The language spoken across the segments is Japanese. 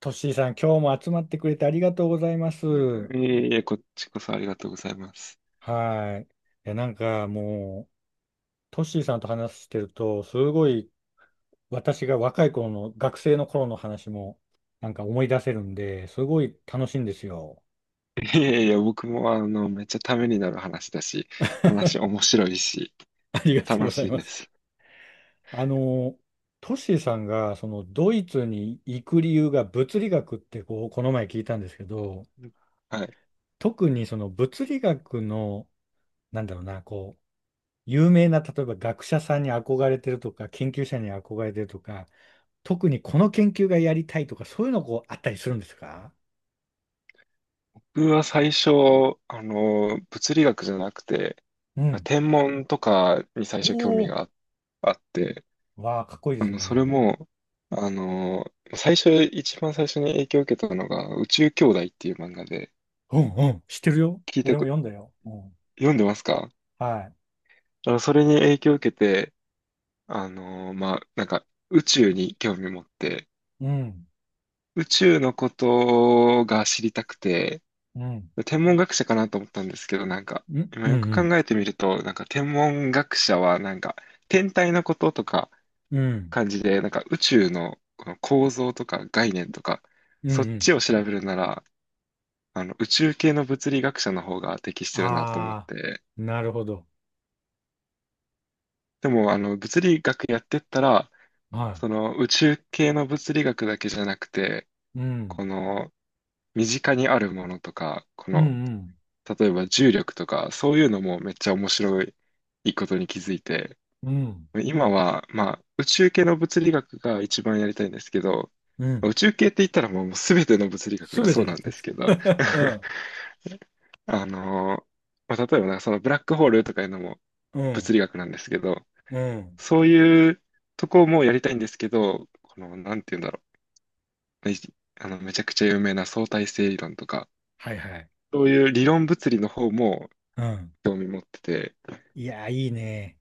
トッシーさん、今日も集まってくれてありがとうございます。はいえいえ、こっちこそありがとうございます。い。いや、なんかもう、トッシーさんと話してると、すごい私が若い頃の、学生の頃の話も、なんか思い出せるんで、すごい楽しいんですよ。いやいや、僕もめっちゃためになる話だし、話面白いし、ありがとう楽ござしいいまです。す。あの、トッシーさんが、その、ドイツに行く理由が物理学って、こう、この前聞いたんですけど、はい。特にその物理学の、なんだろうな、こう、有名な、例えば学者さんに憧れてるとか、研究者に憧れてるとか、特にこの研究がやりたいとか、そういうのこうあったりするんですか？僕は最初、物理学じゃなくて、うん。天文とかに最お初興味お、があって、わあ、かっこいいですそれね。も、あの、最初、一番最初に影響を受けたのが、宇宙兄弟っていう漫画で、うんうん、知ってるよ。聞い俺たもく、読んだよ。うん、読んでますか？はい。あのそれに影響を受けて、まあ、なんか、宇宙に興味持って、うん、宇宙のことが知りたくて、うん、天文学者かなと思ったんですけど、なんか、うん、今うん、うよく考ん、えてみると、なんか天文学者は、なんか、天体のこととかうん、感じで、なんか宇宙のこの構造とか概念とか、うん。そっうんちを調べるなら、宇宙系の物理学者の方が適してるなと思っああ、て、なるほど。でも、物理学やってったら、はその宇宙系の物理学だけじゃなくて、い。うん、この身近にあるものとか、こうん、うの、ん、例えば重力とか、そういうのもめっちゃ面白いことに気づいて、うん、今は、まあ、宇宙系の物理学が一番やりたいんですけど、うん。宇宙系って言ったらもう全ての物理学すがべそうてなんだ。ですけど、うん、あの、まあ、例えばなそのブラックホールとかいうのもう物ん、理学なんですけど、うん。そういうとこもやりたいんですけど、この、なんて言うんだろう。ね、めちゃくちゃ有名な相対性理論とか、はいはい。そういう理論物理の方もうん。興味持ってて、いや、いいね。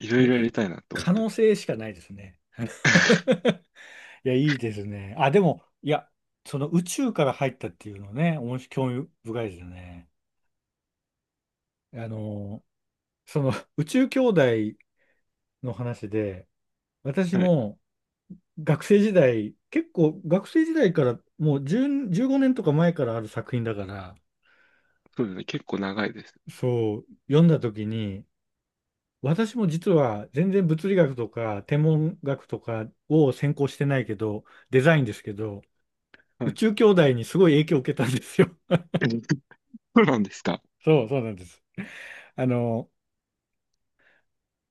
いろいもうろやりたいなと思っ可て能ます。性しかないですね。いや、いいですね。あ、でも、いや、その宇宙から入ったっていうのね、面白興味深いですよね。あの、その宇宙兄弟の話で、私はい。も学生時代、結構学生時代からもう10、15年とか前からある作品だから、そうですね。結構長いです。そう、読んだ時に、私も実は全然物理学とか天文学とかを専攻してないけど、デザインですけど、は宇い。宙兄弟にすごい影響を受けたんですよ。そうなんですか。そう、そうなんです。あの、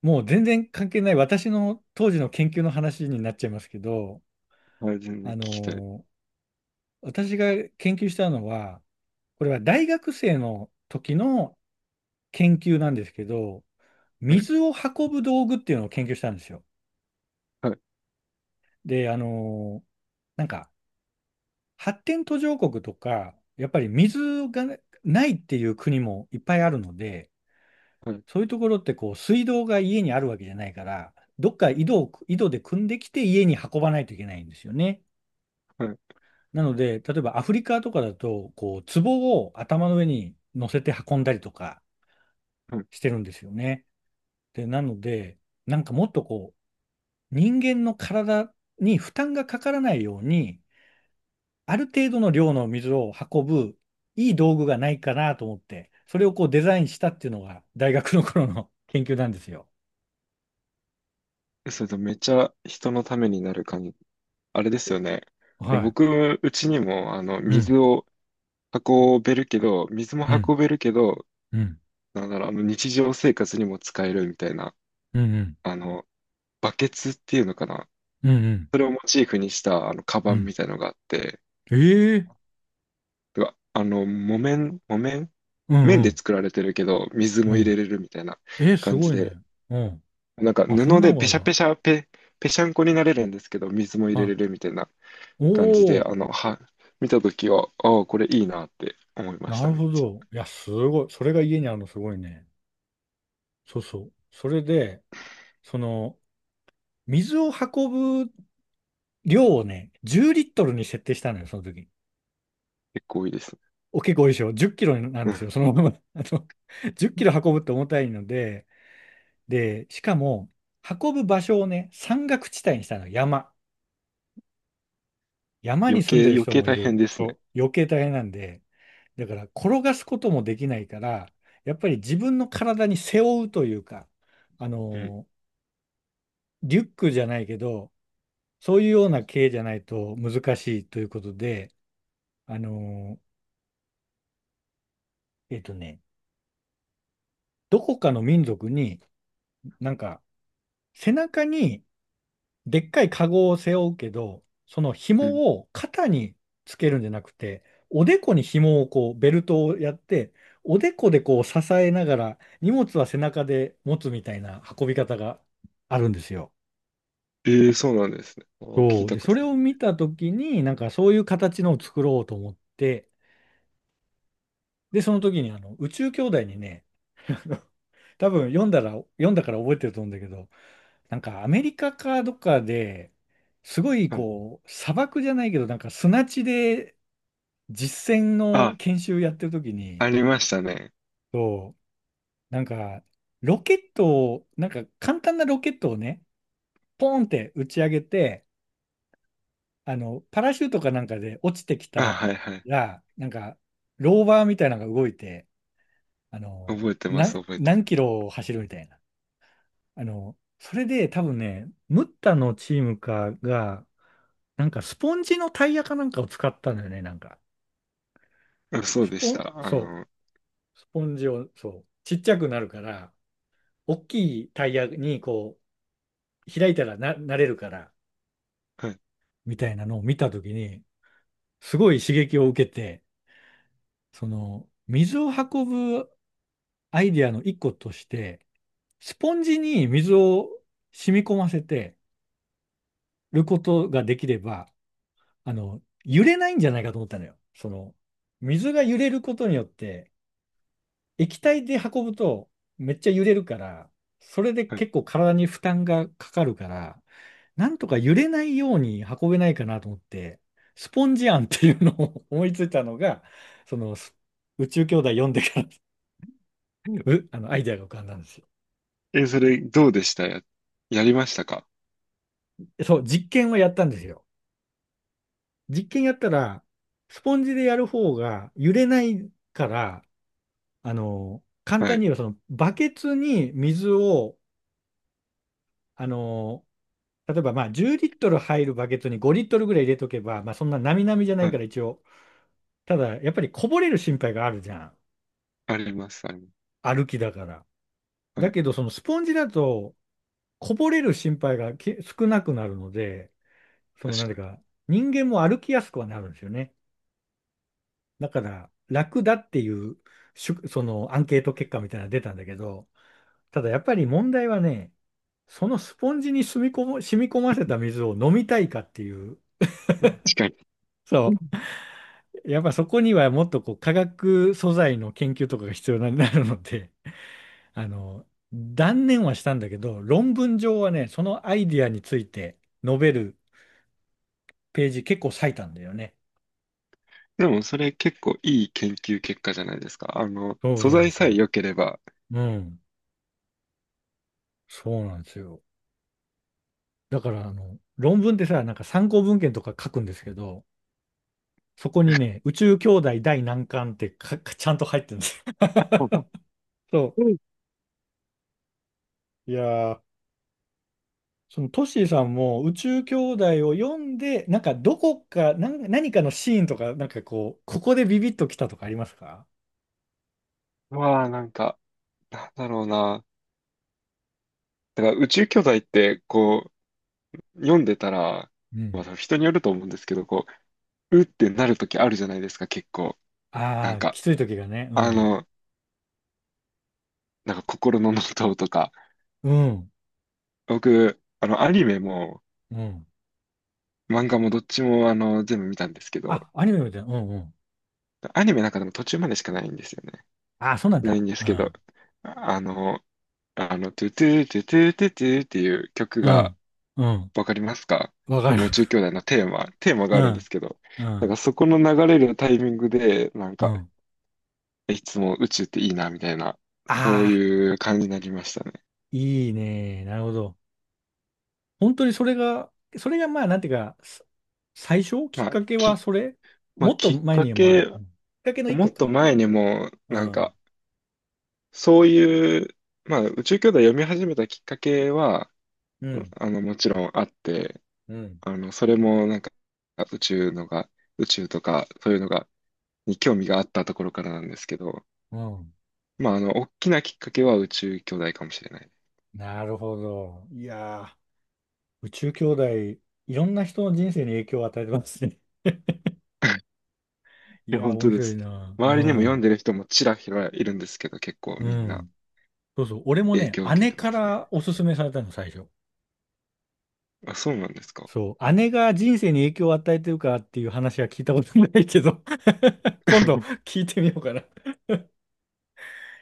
もう全然関係ない私の当時の研究の話になっちゃいますけど、はい、全然あ聞きたい。の、私が研究したのは、これは大学生の時の研究なんですけど、はい。水を運ぶ道具っていうのを研究したんですよ。はい。で、あの、なんか発展途上国とか、やっぱり水がねないっていう国もいっぱいあるので、はい。そういうところってこう水道が家にあるわけじゃないから、どっか井戸で汲んできて家に運ばないといけないんですよね。はい。なので、例えばアフリカとかだと、こう壺を頭の上に乗せて運んだりとかはい。してるんですよね。で、なので、なんかもっとこう人間の体に負担がかからないように、ある程度の量の水を運ぶいい道具がないかなと思って、それをこうデザインしたっていうのが大学の頃の 研究なんですよ。え、それとめっちゃ人のためになる感じ。あれですよね。はい。僕、うちにも、うん、水を運べるけど、水もうん、運べるけど、うん、なんだろう、日常生活にも使えるみたいな、うん、うん、あの、バケツっていうのかな。うん、それをモチーフにした、カうバンん。みたいのがあって、ええうわ木綿うん、う麺でん、作られてるけど、水うも入ん。れれるみたいなえー、す感ごじいね。で、うん。なんかあ、そん布なのでがあペるんシャだ。ペシャペ、ペシャンコになれるんですけど、水も入れはれるみたいない。感じおで、ー、見たときは、ああ、これいいなって思いましなた、るめっほちゃ。ど。いや、すごい。それが家にあるのすごいね。そうそう。それで、その、水を運ぶ量をね、10リットルに設定したのよ、その時。結構いいですね。お結構多いでしょ。10キロなんうですん。よ、そのまま。あの、10キロ運ぶって重たいので、で、しかも、運ぶ場所をね、山岳地帯にしたの、山。山に住んでる余人計もい大変る。ですね。そう余計大変なんで、だから転がすこともできないから、やっぱり自分の体に背負うというか、あうん。の、リュックじゃないけど、そういうような系じゃないと難しいということで、あの、えっとね、どこかの民族に、なんか、背中に、でっかいカゴを背負うけど、そのうん。紐を肩につけるんじゃなくて、おでこに紐をこう、ベルトをやって、おでこでこう支えながら、荷物は背中で持つみたいな運び方があるんですよ。ええそうなんですね。あー聞そいう。たで、こそとれなをい。見たときに、なんかそういう形のを作ろうと思って、で、その時にあの、宇宙兄弟にね、多分読んだから覚えてると思うんだけど、なんかアメリカかどっかで、すごいうん。こう、砂漠じゃないけど、なんか砂地で実践のあ、研修やってる時に、ありましたね。そう、なんか、ロケットを、なんか簡単なロケットをね、ポーンって打ち上げて、あの、パラシュートかなんかで落ちてきあ、たはいはい。ら、なんか、ローバーみたいなのが動いて、あの、覚えてます、何、覚えてま何キす。ロを走るみたいな。あの、それで多分ね、ムッタのチームかが、なんかスポンジのタイヤかなんかを使ったんだよね、なんか。うんそうスでポしン、た。そう、スポンジを、そう、ちっちゃくなるから、大きいタイヤにこう、開いたらなれるから、はい、みたいなのを見たときに、すごい刺激を受けて、その、水を運ぶアイデアの一個として、スポンジに水を染み込ませてることができれば、あの、揺れないんじゃないかと思ったのよ。その、水が揺れることによって、液体で運ぶとめっちゃ揺れるから、それではい。結構体に負担がかかるから、なんとか揺れないように運べないかなと思って、スポンジ案っていうのを 思いついたのが、その宇宙兄弟読んでから あのアイデアが浮かんだんですよ。え、それ、どうでしたや、やりましたか？そう、実験をやったんですよ。実験やったら、スポンジでやる方が揺れないから、あの、簡は単にい。言えばそのバケツに水を、あの、例えばまあ10リットル入るバケツに5リットルぐらい入れとけば、まあそんな並々じゃなはいかい。ら一応。ただやっぱりこぼれる心配があるじゃん。あります、あります。歩きだから。はだい。けどそのスポンジだとこぼれる心配が少なくなるので、その確何かていうか人間も歩きやすくはなるんですよね。だから楽だっていうそのアンケート結果みたいなのが出たんだけど、ただやっぱり問題はね、そのスポンジに染み込ませた水を飲みたいかっていう。に。確かに。そう。やっぱそこにはもっとこう化学素材の研究とかが必要になるので、あの、断念はしたんだけど、論文上はね、そのアイディアについて述べるページ結構割いたんだよね。でも、それ結構いい研究結果じゃないですか。そ素うなん材ですさえよ。良ければ。うん。そうなんですよ。だから、あの、論文ってさ、なんか参考文献とか書くんですけど、そこにね、宇宙兄弟第何巻ってか、かちゃんと入ってるんですよ。そう、う。いやー、そのトシーさんも宇宙兄弟を読んで、なんかどこか、なんか何かのシーンとか、なんかこう、ここでビビッときたとかありますか？まあ、なんか、なんだろうな。だから宇宙巨大って、こう、読んでたら、うまん。あ、人によると思うんですけど、こう、うってなるときあるじゃないですか、結構。なあんあー、か、きつい時がね。うあん。の、なんか心のノートとか。うん。僕、アニメも、うん。漫画もどっちも、全部見たんですけど、あ、アニメみたいな。うんうん。アニメなんかでも途中までしかないんですよね。ああ、そうなんないだ。んですうけど、ん。あの、トゥトゥトゥトゥトゥトゥっていう曲うがん。うん。わかりますか？わかる。あの宇宙兄弟のテーマがうあるんでん。すけど、うなんかん。そこの流れるタイミングで、なんうか、ん。いつも宇宙っていいな、みたいな、そうああ、いう感じになりましたね。いいね。なるほど。本当にそれが、それがまあ、なんていうか、最初きまっあ、かけはき、それまあ、もっときっ前かにもあけ、る。うんきっかけの一もっ個とか。前にも、うなんん。か、そういう、まあ、宇宙兄弟読み始めたきっかけは、うん、もちろんあって、うん。それもなんか宇宙のが、宇宙とかそういうのが、に興味があったところからなんですけど、うん。まあ、大きなきっかけは宇宙兄弟かもしれない。なるほど。いやー、宇宙兄弟、いろんな人の人生に影響を与えてますね。いえ、やー、本面当で白いす。な。う周りにも読んん。でる人もちらひらいるんですけど、結構うみんなん。そうそう。俺も影ね、響を受け姉てかますね。らおすすめされたの、最初。あ、そうなんですか。そう。姉が人生に影響を与えてるかっていう話は聞いたことないけど、 今度 聞いてみようかな。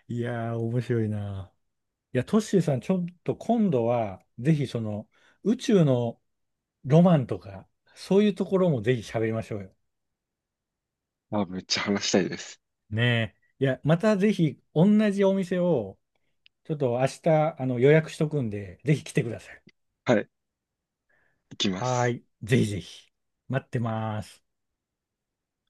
いやー、面白いな。いや、トッシーさん、ちょっと今度は、ぜひその、宇宙のロマンとか、そういうところもぜひ喋りましょうよ。あ、めっちゃ話したいです。ねえ。いや、またぜひ、同じお店を、ちょっと明日、あの、予約しとくんで、ぜひ来てください。はい、行きまはーす。い。ぜひぜひ。待ってます。